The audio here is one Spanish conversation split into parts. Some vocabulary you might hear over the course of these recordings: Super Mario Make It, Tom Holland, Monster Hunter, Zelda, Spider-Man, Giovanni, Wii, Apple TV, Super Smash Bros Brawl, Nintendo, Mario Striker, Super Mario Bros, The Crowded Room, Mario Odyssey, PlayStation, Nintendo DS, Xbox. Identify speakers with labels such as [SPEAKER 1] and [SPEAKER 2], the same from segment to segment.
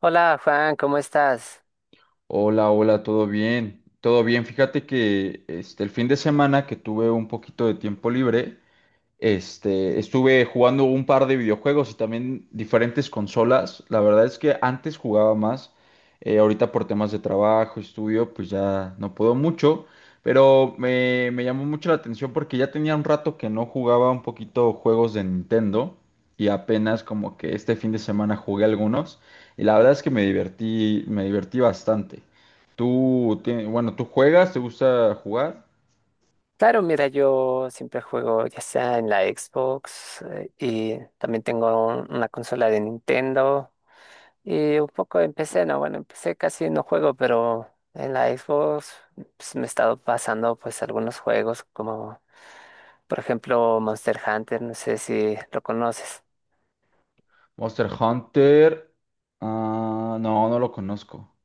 [SPEAKER 1] Hola Juan, ¿cómo estás?
[SPEAKER 2] Hola, hola, todo bien, todo bien. Fíjate que el fin de semana que tuve un poquito de tiempo libre, estuve jugando un par de videojuegos y también diferentes consolas. La verdad es que antes jugaba más. Ahorita por temas de trabajo, estudio, pues ya no puedo mucho. Pero me llamó mucho la atención porque ya tenía un rato que no jugaba un poquito juegos de Nintendo. Y apenas como que este fin de semana jugué algunos. Y la verdad es que me divertí bastante. ¿Tú, bueno, tú juegas? ¿Te gusta jugar?
[SPEAKER 1] Claro, mira, yo siempre juego ya sea en la Xbox y también tengo una consola de Nintendo y un poco empecé, no, bueno, empecé casi no juego, pero en la Xbox pues, me he estado pasando pues algunos juegos como por ejemplo Monster Hunter, no sé si lo conoces.
[SPEAKER 2] Monster Hunter. Ah, no, no lo conozco.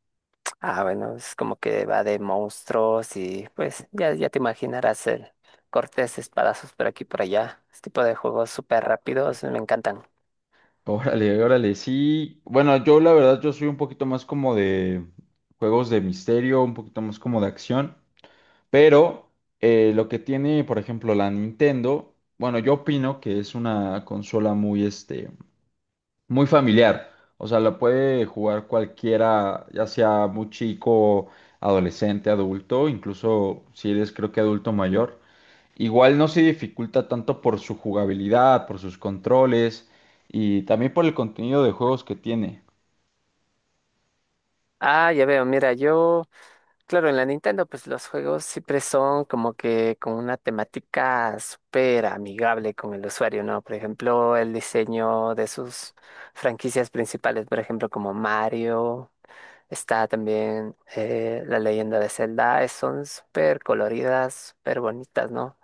[SPEAKER 1] Ah, bueno, es como que va de monstruos y pues ya, ya te imaginarás el cortes, espadazos por aquí y por allá. Este tipo de juegos súper rápidos me encantan.
[SPEAKER 2] Órale, órale, sí. Bueno, yo la verdad, yo soy un poquito más como de juegos de misterio, un poquito más como de acción. Pero lo que tiene, por ejemplo, la Nintendo, bueno, yo opino que es una consola muy, muy familiar. O sea, la puede jugar cualquiera, ya sea muy chico, adolescente, adulto, incluso si eres, creo que adulto mayor. Igual no se dificulta tanto por su jugabilidad, por sus controles y también por el contenido de juegos que tiene.
[SPEAKER 1] Ah, ya veo, mira, yo, claro, en la Nintendo pues los juegos siempre son como que con una temática súper amigable con el usuario, ¿no? Por ejemplo, el diseño de sus franquicias principales, por ejemplo, como Mario. Está también la leyenda de Zelda, son súper coloridas, súper bonitas, ¿no?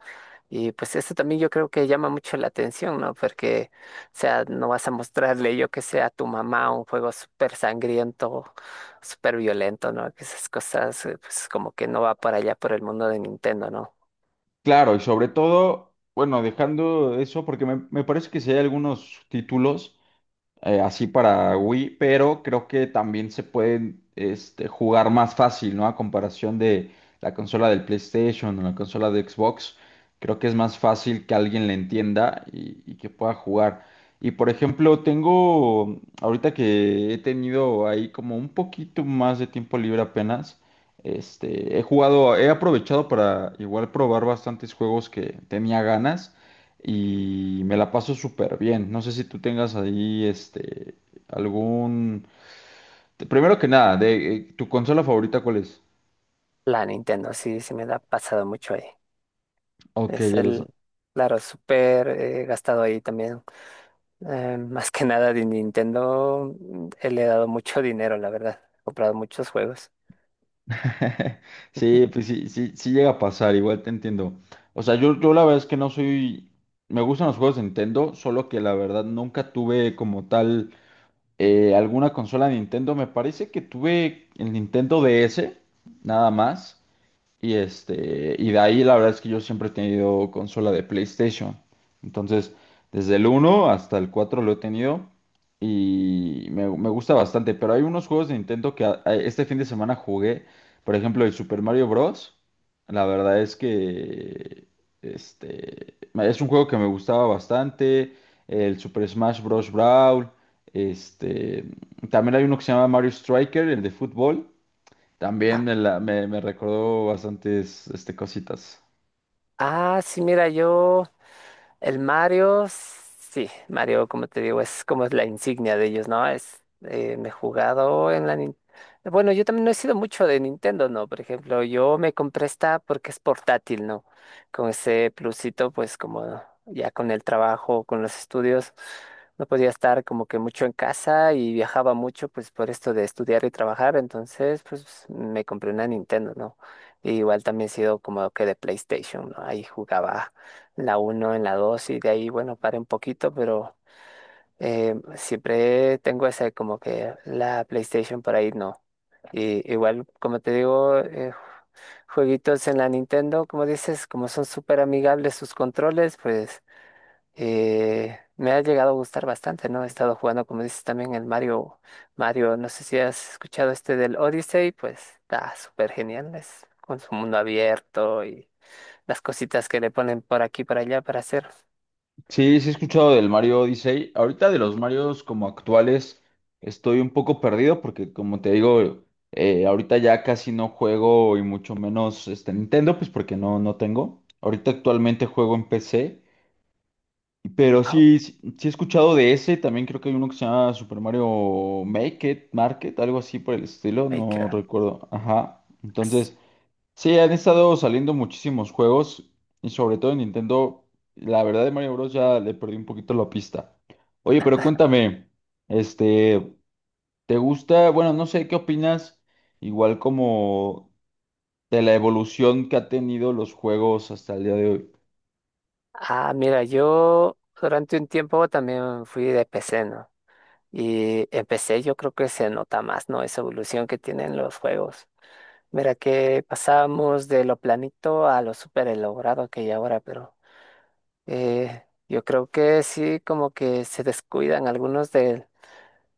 [SPEAKER 1] Y pues eso también yo creo que llama mucho la atención, ¿no? Porque, o sea, no vas a mostrarle yo que sea a tu mamá un juego súper sangriento, súper violento, ¿no? Que esas cosas, pues como que no va para allá por el mundo de Nintendo, ¿no?
[SPEAKER 2] Claro, y sobre todo, bueno, dejando eso, porque me parece que si hay algunos títulos. Así para Wii, pero creo que también se pueden jugar más fácil, ¿no? A comparación de la consola del PlayStation o la consola de Xbox, creo que es más fácil que alguien le entienda y, que pueda jugar. Y por ejemplo, tengo, ahorita que he tenido ahí como un poquito más de tiempo libre apenas, he jugado, he aprovechado para igual probar bastantes juegos que tenía ganas y me la paso súper bien. No sé si tú tengas ahí algún... Primero que nada, de tu consola favorita, ¿cuál es?
[SPEAKER 1] La Nintendo, sí, sí me da pasado mucho ahí.
[SPEAKER 2] Ok,
[SPEAKER 1] Es
[SPEAKER 2] ya lo sé.
[SPEAKER 1] el, claro, súper gastado ahí también. Más que nada de Nintendo, le he dado mucho dinero, la verdad. He comprado muchos juegos.
[SPEAKER 2] Sí, pues sí llega a pasar, igual te entiendo. O sea, yo la verdad es que no soy. Me gustan los juegos de Nintendo, solo que la verdad nunca tuve como tal alguna consola de Nintendo. Me parece que tuve el Nintendo DS, nada más. Y y de ahí la verdad es que yo siempre he tenido consola de PlayStation. Entonces, desde el uno hasta el 4 lo he tenido y me gusta bastante. Pero hay unos juegos de Nintendo que este fin de semana jugué. Por ejemplo, el Super Mario Bros. La verdad es que es un juego que me gustaba bastante. El Super Smash Bros. Brawl. Este, También hay uno que se llama Mario Striker, el de fútbol. También
[SPEAKER 1] Ah,
[SPEAKER 2] me recordó bastantes cositas.
[SPEAKER 1] ah, sí, mira, yo... El Mario, sí, Mario, como te digo, es como es la insignia de ellos, ¿no? Es, me he jugado en la... Bueno, yo también no he sido mucho de Nintendo, ¿no? Por ejemplo, yo me compré esta porque es portátil, ¿no? Con ese plusito, pues como ya con el trabajo, con los estudios, no podía estar como que mucho en casa y viajaba mucho, pues por esto de estudiar y trabajar, entonces, pues me compré una Nintendo, ¿no? Y igual también he sido como que de PlayStation, ¿no? Ahí jugaba la uno en la 2 y de ahí, bueno, paré un poquito, pero siempre tengo esa como que la PlayStation por ahí no. Y igual, como te digo, jueguitos en la Nintendo, como dices, como son súper amigables sus controles, pues me ha llegado a gustar bastante, ¿no? He estado jugando, como dices, también el Mario, Mario, no sé si has escuchado este del Odyssey, pues está súper genial, es con su mundo abierto y las cositas que le ponen por aquí, por allá para hacer.
[SPEAKER 2] Sí, sí he escuchado del Mario Odyssey. Ahorita de los Marios como actuales estoy un poco perdido porque como te digo, ahorita ya casi no juego y mucho menos este Nintendo, pues porque no, no tengo. Ahorita actualmente juego en PC, pero sí he escuchado de ese. También creo que hay uno que se llama Super Mario Make It, Market, algo así por el estilo,
[SPEAKER 1] Ay, ¿qué
[SPEAKER 2] no recuerdo. Ajá.
[SPEAKER 1] más?
[SPEAKER 2] Entonces... Sí, han estado saliendo muchísimos juegos y sobre todo en Nintendo, la verdad de Mario Bros. Ya le perdí un poquito la pista. Oye, pero cuéntame, este, ¿te gusta? Bueno, no sé, ¿qué opinas? Igual como de la evolución que ha tenido los juegos hasta el día de hoy.
[SPEAKER 1] Ah, mira, yo durante un tiempo también fui de PC, ¿no? Y en PC yo creo que se nota más, ¿no? Esa evolución que tienen los juegos. Mira que pasamos de lo planito a lo súper elaborado que hay ahora, pero yo creo que sí como que se descuidan algunos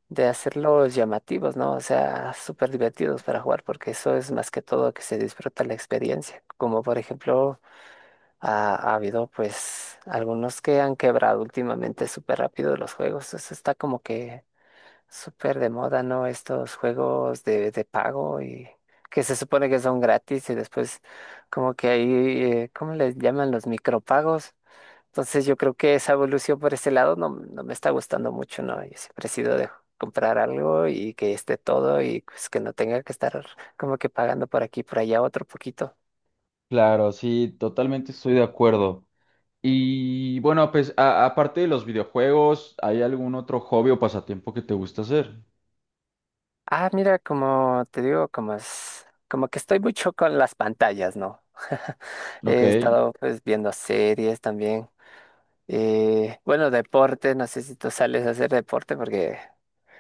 [SPEAKER 1] de hacerlos llamativos, ¿no? O sea, súper divertidos para jugar, porque eso es más que todo que se disfruta la experiencia. Como por ejemplo... Ha habido pues algunos que han quebrado últimamente súper rápido los juegos. Eso está como que súper de moda, ¿no? Estos juegos de pago y que se supone que son gratis y después como que ahí, ¿cómo les llaman los micropagos? Entonces yo creo que esa evolución por ese lado no, no me está gustando mucho, ¿no? Yo siempre he sido de comprar algo y que esté todo y pues que no tenga que estar como que pagando por aquí, por allá otro poquito.
[SPEAKER 2] Claro, sí, totalmente estoy de acuerdo. Y bueno, pues aparte de los videojuegos, ¿hay algún otro hobby o pasatiempo que te gusta hacer?
[SPEAKER 1] Ah, mira, como te digo, como es, como que estoy mucho con las pantallas, ¿no?
[SPEAKER 2] Ok,
[SPEAKER 1] He estado pues viendo series también. Bueno, deporte, no sé si tú sales a hacer deporte porque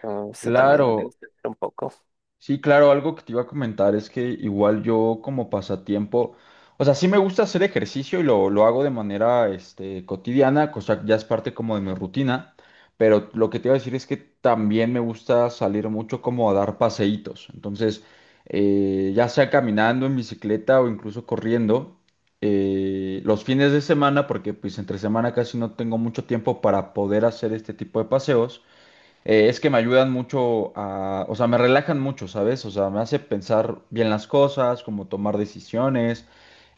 [SPEAKER 1] eso también me
[SPEAKER 2] claro.
[SPEAKER 1] gusta hacer un poco.
[SPEAKER 2] Sí, claro, algo que te iba a comentar es que igual yo como pasatiempo, o sea, sí me gusta hacer ejercicio y lo hago de manera cotidiana, cosa que ya es parte como de mi rutina, pero lo que te iba a decir es que también me gusta salir mucho como a dar paseitos, entonces ya sea caminando en bicicleta o incluso corriendo, los fines de semana, porque pues entre semana casi no tengo mucho tiempo para poder hacer este tipo de paseos. Es que me ayudan mucho a, o sea, me relajan mucho, ¿sabes? O sea, me hace pensar bien las cosas, como tomar decisiones,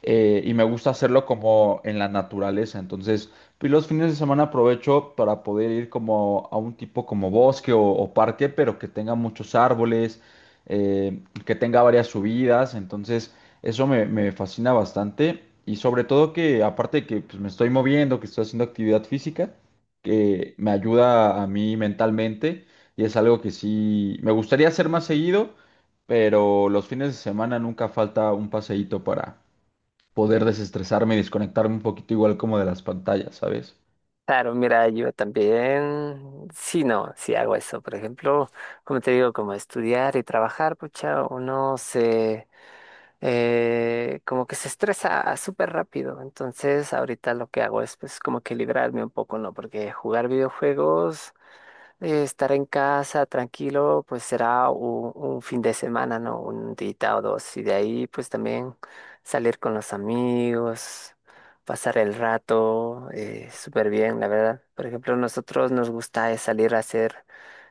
[SPEAKER 2] y me gusta hacerlo como en la naturaleza. Entonces, pues los fines de semana aprovecho para poder ir como a un tipo como bosque o parque, pero que tenga muchos árboles, eh, que tenga varias subidas. Entonces, eso me fascina bastante. Y sobre todo que, aparte de que pues, me estoy moviendo, que estoy haciendo actividad física, que me ayuda a mí mentalmente y es algo que sí me gustaría hacer más seguido, pero los fines de semana nunca falta un paseíto para poder desestresarme y desconectarme un poquito igual como de las pantallas, ¿sabes?
[SPEAKER 1] Claro, mira, yo también, sí, no, sí hago eso. Por ejemplo, como te digo, como estudiar y trabajar, pucha, uno se como que se estresa súper rápido. Entonces, ahorita lo que hago es pues como que librarme un poco, ¿no? Porque jugar videojuegos estar en casa tranquilo, pues será un fin de semana, ¿no? Un día o dos. Y de ahí, pues también salir con los amigos, pasar el rato, súper bien, la verdad. Por ejemplo, nosotros nos gusta es salir a hacer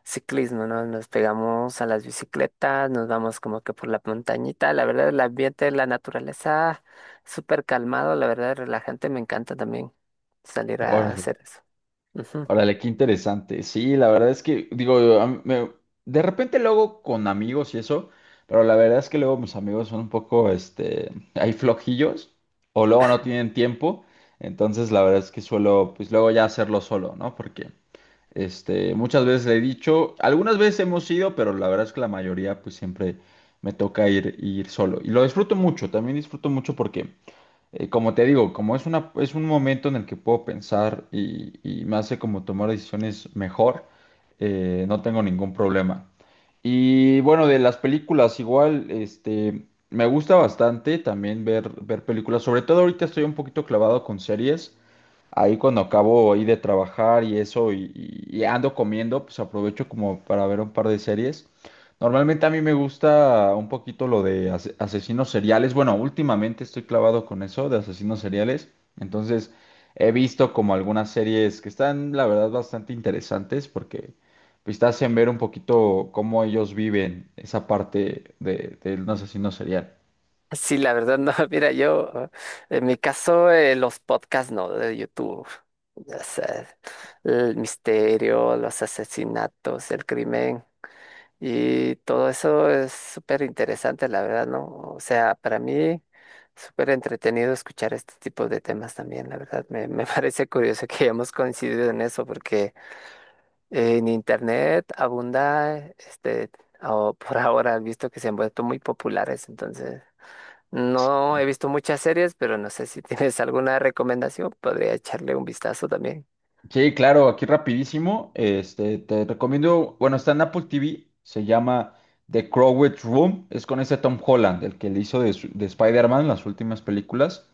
[SPEAKER 1] ciclismo, ¿no? Nos pegamos a las bicicletas, nos vamos como que por la montañita. La verdad, el ambiente, la naturaleza, súper calmado, la verdad, relajante. Me encanta también salir a
[SPEAKER 2] Órale,
[SPEAKER 1] hacer eso.
[SPEAKER 2] órale, qué interesante. Sí, la verdad es que digo, de repente luego con amigos y eso, pero la verdad es que luego mis amigos son un poco, hay flojillos o luego no tienen tiempo. Entonces, la verdad es que suelo, pues luego ya hacerlo solo, ¿no? Porque muchas veces le he dicho, algunas veces hemos ido, pero la verdad es que la mayoría pues siempre me toca ir solo. Y lo disfruto mucho, también disfruto mucho porque como te digo, como es un momento en el que puedo pensar y, me hace como tomar decisiones mejor, no tengo ningún problema. Y bueno, de las películas igual, me gusta bastante también ver películas. Sobre todo ahorita estoy un poquito clavado con series. Ahí cuando acabo ahí de trabajar y eso y ando comiendo, pues aprovecho como para ver un par de series. Normalmente a mí me gusta un poquito lo de asesinos seriales. Bueno, últimamente estoy clavado con eso de asesinos seriales. Entonces he visto como algunas series que están, la verdad, bastante interesantes porque pues, te hacen ver un poquito cómo ellos viven esa parte de un asesino serial.
[SPEAKER 1] Sí, la verdad, no. Mira, yo, en mi caso, los podcasts, no, de YouTube. O sea, el misterio, los asesinatos, el crimen y todo eso es súper interesante, la verdad, ¿no? O sea, para mí, súper entretenido escuchar este tipo de temas también, la verdad. Me parece curioso que hayamos coincidido en eso porque en Internet abunda, este, o por ahora, visto que se han vuelto muy populares, entonces. No he visto muchas series, pero no sé si tienes alguna recomendación. Podría echarle un vistazo también.
[SPEAKER 2] Sí, claro, aquí rapidísimo. Te recomiendo, bueno, está en Apple TV, se llama The Crowded Room. Es con ese Tom Holland, el que le hizo de, de Spider-Man las últimas películas.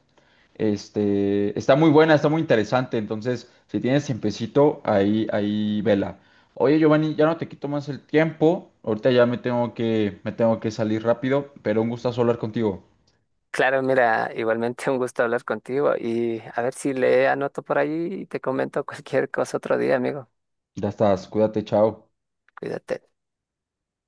[SPEAKER 2] Está muy buena, está muy interesante. Entonces, si tienes tiempecito, ahí vela. Oye, Giovanni, ya no te quito más el tiempo. Ahorita ya me tengo que salir rápido, pero un gustazo hablar contigo.
[SPEAKER 1] Claro, mira, igualmente un gusto hablar contigo y a ver si le anoto por ahí y te comento cualquier cosa otro día, amigo.
[SPEAKER 2] Ya estás, cuídate, chao.
[SPEAKER 1] Cuídate.